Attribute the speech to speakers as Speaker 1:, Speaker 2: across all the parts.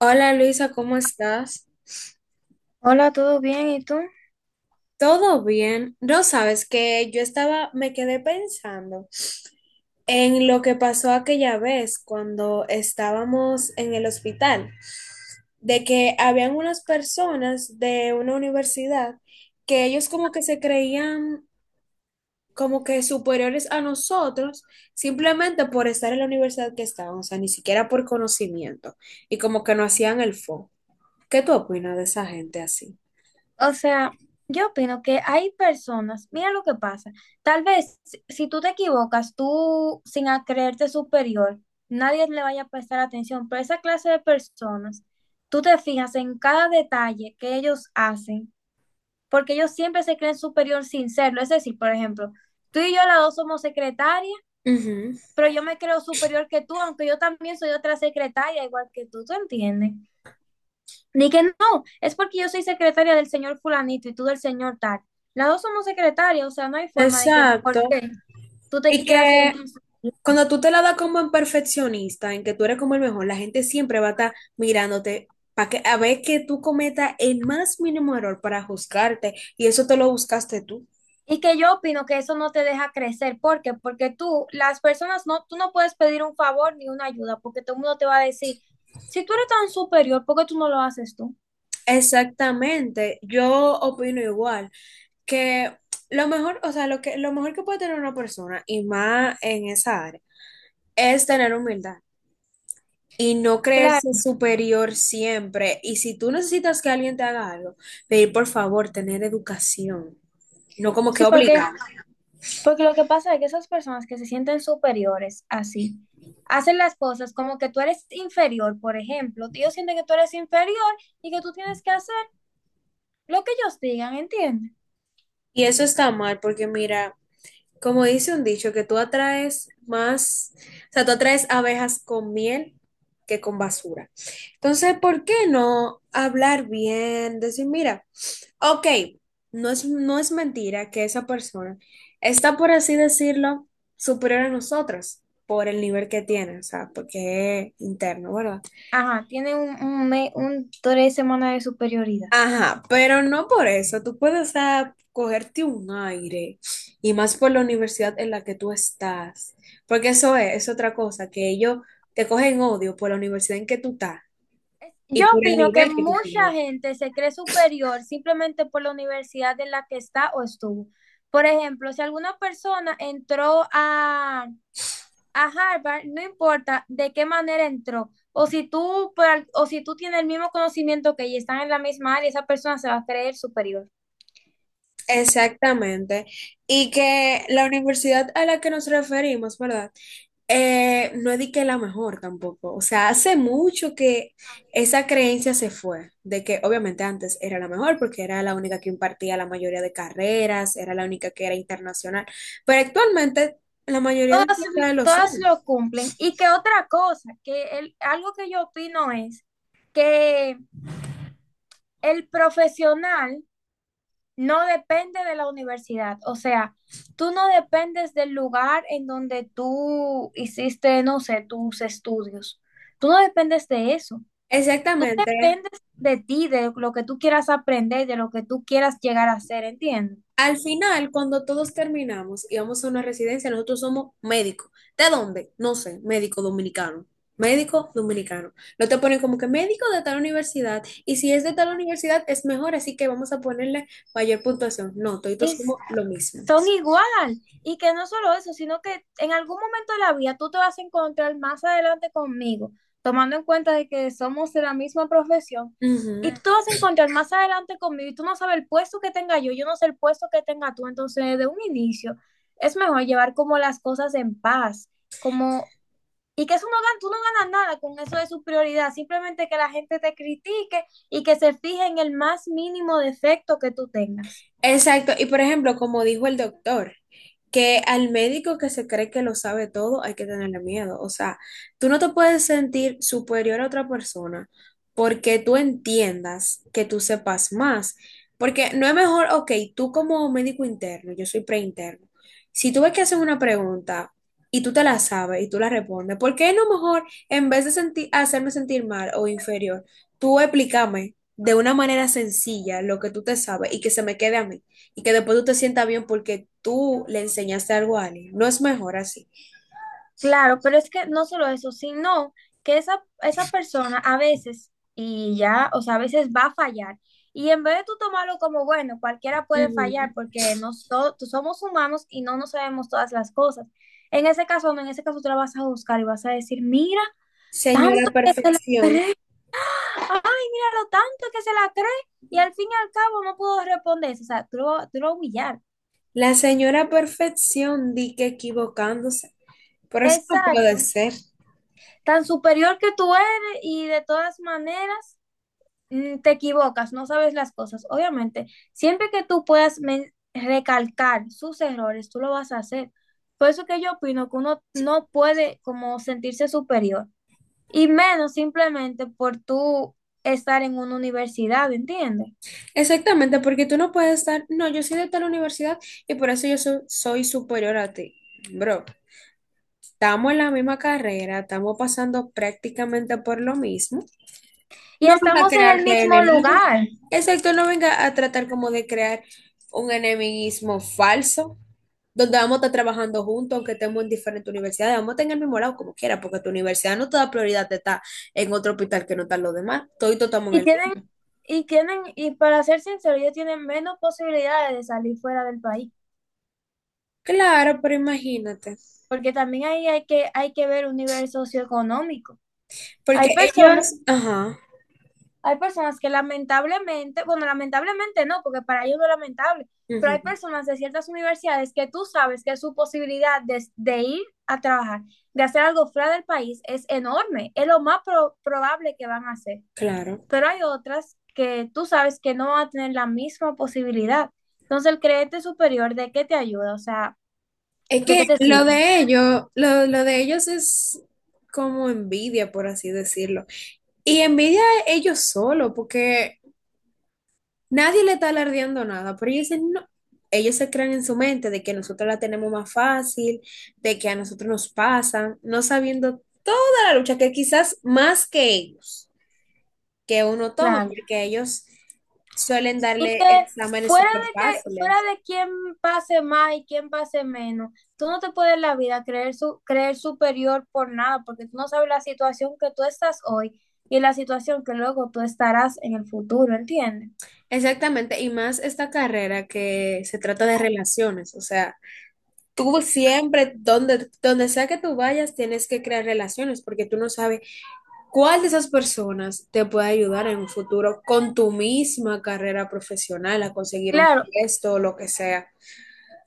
Speaker 1: Hola Luisa, ¿cómo estás?
Speaker 2: Hola, ¿todo bien? ¿Y tú?
Speaker 1: ¿Todo bien? No sabes que yo estaba, me quedé pensando en lo que pasó aquella vez cuando estábamos en el hospital, de que habían unas personas de una universidad que ellos como que se creían como que superiores a nosotros simplemente por estar en la universidad que estaban, o sea, ni siquiera por conocimiento y como que no hacían el fo. ¿Qué tú opinas de esa gente así?
Speaker 2: O sea, yo opino que hay personas, mira lo que pasa, tal vez si tú te equivocas, tú sin a- creerte superior, nadie le vaya a prestar atención. Pero esa clase de personas, tú te fijas en cada detalle que ellos hacen, porque ellos siempre se creen superior sin serlo. Es decir, por ejemplo, tú y yo las dos somos secretarias,
Speaker 1: Ujú.
Speaker 2: pero yo me creo superior que tú, aunque yo también soy otra secretaria, igual que tú, ¿tú entiendes? Ni que no, es porque yo soy secretaria del señor fulanito y tú del señor tal. Las dos somos secretarias, o sea, no hay forma de que por
Speaker 1: Exacto.
Speaker 2: qué tú te
Speaker 1: Y
Speaker 2: quieras
Speaker 1: que
Speaker 2: sentir.
Speaker 1: cuando tú te la das como en perfeccionista, en que tú eres como el mejor, la gente siempre va a estar mirándote para que a ver que tú cometas el más mínimo error para juzgarte y eso te lo buscaste tú.
Speaker 2: Y que yo opino que eso no te deja crecer. ¿Por qué? Porque tú, las personas, no, tú no puedes pedir un favor ni una ayuda, porque todo el mundo te va a decir, si tú eres tan superior, ¿por qué tú no lo haces tú?
Speaker 1: Exactamente. Yo opino igual que lo mejor que puede tener una persona y más en esa área es tener humildad. Y no
Speaker 2: Claro,
Speaker 1: creerse superior siempre. Y si tú necesitas que alguien te haga algo, pedir por favor tener educación, no como que
Speaker 2: sí, porque
Speaker 1: obligado.
Speaker 2: porque lo que pasa es que esas personas que se sienten superiores así, hacen las cosas como que tú eres inferior, por ejemplo. Ellos sienten que tú eres inferior y que tú tienes que hacer lo que ellos digan, ¿entiendes?
Speaker 1: Y eso está mal porque mira, como dice un dicho, que tú atraes más, o sea, tú atraes abejas con miel que con basura. Entonces, ¿por qué no hablar bien? Decir, mira, ok, no es mentira que esa persona está, por así decirlo, superior a nosotros por el nivel que tiene, o sea, porque es interno, ¿verdad?
Speaker 2: Ajá, tienen un 3 semanas de superioridad.
Speaker 1: Ajá, pero no por eso. Tú puedes, o sea, cogerte un aire y más por la universidad en la que tú estás. Porque eso es otra cosa, que ellos te cogen odio por la universidad en que tú estás y
Speaker 2: Yo
Speaker 1: por el
Speaker 2: opino que
Speaker 1: nivel que tú
Speaker 2: mucha
Speaker 1: tienes.
Speaker 2: gente se cree superior simplemente por la universidad en la que está o estuvo. Por ejemplo, si alguna persona entró a Harvard, no importa de qué manera entró, o si tú, o si tú tienes el mismo conocimiento que ella, están en la misma área, esa persona se va a creer superior.
Speaker 1: Exactamente. Y que la universidad a la que nos referimos, ¿verdad? No es de que la mejor tampoco. O sea, hace mucho que esa creencia se fue, de que obviamente antes era la mejor porque era la única que impartía la mayoría de carreras, era la única que era internacional, pero actualmente la mayoría de los
Speaker 2: Todas,
Speaker 1: universidades lo
Speaker 2: todas
Speaker 1: son.
Speaker 2: lo cumplen. Y que otra cosa, que algo que yo opino es que el profesional no depende de la universidad, o sea, tú no dependes del lugar en donde tú hiciste, no sé, tus estudios. Tú no dependes de eso. Tú
Speaker 1: Exactamente.
Speaker 2: dependes de ti, de lo que tú quieras aprender, de lo que tú quieras llegar a ser, ¿entiendes?
Speaker 1: Al final, cuando todos terminamos y vamos a una residencia, nosotros somos médicos. ¿De dónde? No sé, médico dominicano. Médico dominicano. No te ponen como que médico de tal universidad. Y si es de tal universidad, es mejor, así que vamos a ponerle mayor puntuación. No, todos
Speaker 2: Y
Speaker 1: somos lo mismo.
Speaker 2: son igual. Y que no solo eso, sino que en algún momento de la vida tú te vas a encontrar más adelante conmigo, tomando en cuenta de que somos de la misma profesión. Y
Speaker 1: Ujú.
Speaker 2: tú te vas a encontrar más adelante conmigo y tú no sabes el puesto que tenga yo, yo no sé el puesto que tenga tú. Entonces, de un inicio, es mejor llevar como las cosas en paz, como… Y que eso no gana, tú no ganas nada con eso de su prioridad, simplemente que la gente te critique y que se fije en el más mínimo defecto que tú tengas.
Speaker 1: Exacto, y por ejemplo, como dijo el doctor, que al médico que se cree que lo sabe todo hay que tenerle miedo. O sea, tú no te puedes sentir superior a otra persona porque tú entiendas que tú sepas más. Porque no es mejor, ok, tú como médico interno, yo soy preinterno, si tú ves que hacen una pregunta y tú te la sabes y tú la respondes, ¿por qué no mejor, en vez de sentir, hacerme sentir mal o inferior, tú explícame de una manera sencilla lo que tú te sabes y que se me quede a mí y que después tú te sientas bien porque tú le enseñaste algo a alguien? No es mejor así.
Speaker 2: Claro, pero es que no solo eso, sino que esa persona a veces, y ya, o sea, a veces va a fallar. Y en vez de tú tomarlo como, bueno, cualquiera puede fallar
Speaker 1: Ujú.
Speaker 2: porque nosotros somos humanos y no nos sabemos todas las cosas. En ese caso, no, en ese caso tú la vas a buscar y vas a decir, mira,
Speaker 1: Señora
Speaker 2: tanto que te la
Speaker 1: Perfección,
Speaker 2: esperé, ay, mira lo tanto que se la cree y al fin y al cabo no pudo responder. O sea, tú lo humillar.
Speaker 1: la señora Perfección di que equivocándose. Por eso no puede
Speaker 2: Exacto.
Speaker 1: ser.
Speaker 2: Tan superior que tú eres y de todas maneras, mm, te equivocas, no sabes las cosas. Obviamente, siempre que tú puedas recalcar sus errores, tú lo vas a hacer. Por eso que yo opino que uno no puede como sentirse superior y menos simplemente por tú estar en una universidad, ¿entiendes?
Speaker 1: Exactamente, porque tú no puedes estar, no, yo soy de tal universidad y por eso yo soy superior a ti. Bro, estamos en la misma carrera, estamos pasando prácticamente por lo mismo.
Speaker 2: Y
Speaker 1: No venga a
Speaker 2: estamos en el
Speaker 1: crearte
Speaker 2: mismo
Speaker 1: enemigos.
Speaker 2: lugar.
Speaker 1: Exacto, no venga a tratar como de crear un enemismo falso, donde vamos a estar trabajando juntos, aunque estemos en diferentes universidades, vamos a estar en el mismo lado como quiera, porque tu universidad no te da prioridad de estar en otro hospital que no están los demás. Todos estamos en
Speaker 2: Y
Speaker 1: el
Speaker 2: tienen,
Speaker 1: mismo.
Speaker 2: y tienen, y para ser sincero, ellos tienen menos posibilidades de salir fuera del país,
Speaker 1: Claro, pero imagínate.
Speaker 2: porque también ahí hay que ver un nivel socioeconómico.
Speaker 1: Porque
Speaker 2: Hay personas,
Speaker 1: ellos, ajá,
Speaker 2: hay personas que lamentablemente, bueno, lamentablemente no, porque para ellos no es lamentable, pero hay
Speaker 1: ujú,
Speaker 2: personas de ciertas universidades que tú sabes que su posibilidad de ir a trabajar, de hacer algo fuera del país es enorme, es lo más probable que van a hacer.
Speaker 1: claro.
Speaker 2: Pero hay otras que tú sabes que no van a tener la misma posibilidad. Entonces, el creerte superior, ¿de qué te ayuda? O sea,
Speaker 1: Es
Speaker 2: ¿de
Speaker 1: que
Speaker 2: qué te
Speaker 1: lo
Speaker 2: sirve?
Speaker 1: de ellos, lo de ellos es como envidia, por así decirlo. Y envidia a ellos solo, porque nadie le está alardeando nada, pero ellos dicen, no. Ellos se crean en su mente de que nosotros la tenemos más fácil, de que a nosotros nos pasan, no sabiendo toda la lucha que quizás más que ellos, que uno toma,
Speaker 2: Claro.
Speaker 1: porque ellos suelen
Speaker 2: Y
Speaker 1: darle exámenes
Speaker 2: fuera
Speaker 1: súper
Speaker 2: de que fuera
Speaker 1: fáciles.
Speaker 2: de quién pase más y quién pase menos, tú no te puedes en la vida creer superior por nada, porque tú no sabes la situación que tú estás hoy y la situación que luego tú estarás en el futuro, ¿entiendes?
Speaker 1: Exactamente, y más esta carrera que se trata de relaciones, o sea, tú siempre, donde sea que tú vayas, tienes que crear relaciones, porque tú no sabes ¿cuál de esas personas te puede ayudar en un futuro con tu misma carrera profesional a conseguir un
Speaker 2: Claro.
Speaker 1: puesto o lo que sea?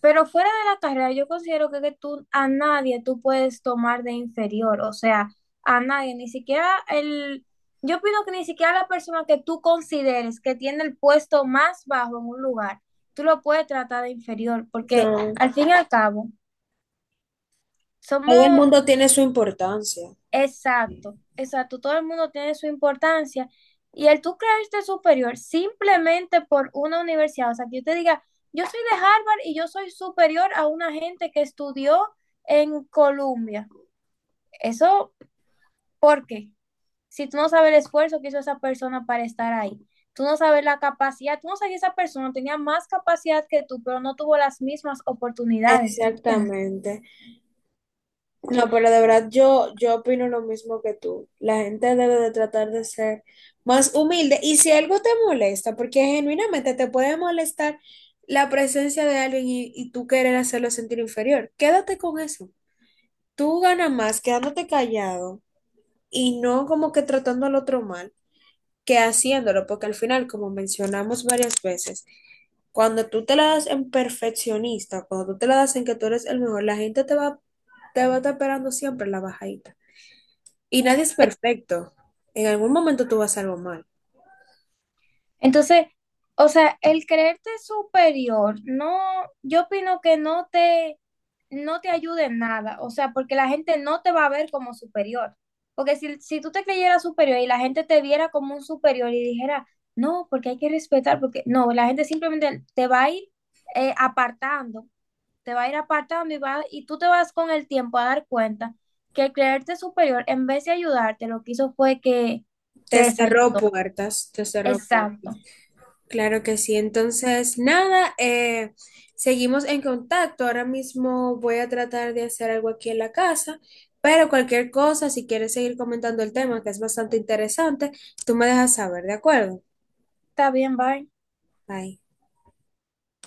Speaker 2: Pero fuera de la carrera, yo considero que tú a nadie tú puedes tomar de inferior, o sea, a nadie, ni siquiera el, yo opino que ni siquiera la persona que tú consideres que tiene el puesto más bajo en un lugar, tú lo puedes tratar de inferior, porque
Speaker 1: No,
Speaker 2: al fin y al cabo,
Speaker 1: todo el
Speaker 2: somos…
Speaker 1: mundo tiene su importancia.
Speaker 2: Exacto, exacto. Todo el mundo tiene su importancia. Y el tú creerte superior simplemente por una universidad, o sea, que yo te diga, yo soy de Harvard y yo soy superior a una gente que estudió en Columbia. Eso, ¿por qué? Si tú no sabes el esfuerzo que hizo esa persona para estar ahí, tú no sabes la capacidad, tú no sabes que esa persona tenía más capacidad que tú, pero no tuvo las mismas oportunidades, ¿entiendes?
Speaker 1: Exactamente. No, pero de verdad yo opino lo mismo que tú. La gente debe de tratar de ser más humilde y si algo te molesta, porque genuinamente te puede molestar la presencia de alguien y, tú querer hacerlo sentir inferior, quédate con eso. Tú ganas más quedándote callado y no como que tratando al otro mal, que haciéndolo, porque al final, como mencionamos varias veces, cuando tú te la das en perfeccionista, cuando tú te la das en que tú eres el mejor, la gente te va a estar esperando siempre la bajadita. Y nadie es perfecto. En algún momento tú vas a hacer algo mal.
Speaker 2: Entonces, o sea, el creerte superior, no, yo opino que no te ayude en nada, o sea, porque la gente no te va a ver como superior. Porque si tú te creyeras superior y la gente te viera como un superior y dijera, no, porque hay que respetar, porque no, la gente simplemente te va a ir, apartando, te va a ir apartando y, va, y tú te vas con el tiempo a dar cuenta que el creerte superior, en vez de ayudarte, lo que hizo fue que te
Speaker 1: Te
Speaker 2: desayudó.
Speaker 1: cerró puertas, te cerró
Speaker 2: Exacto.
Speaker 1: puertas. Claro que sí. Entonces, nada, seguimos en contacto. Ahora mismo voy a tratar de hacer algo aquí en la casa, pero cualquier cosa, si quieres seguir comentando el tema, que es bastante interesante, tú me dejas saber, ¿de acuerdo?
Speaker 2: Está bien, bye.
Speaker 1: Bye.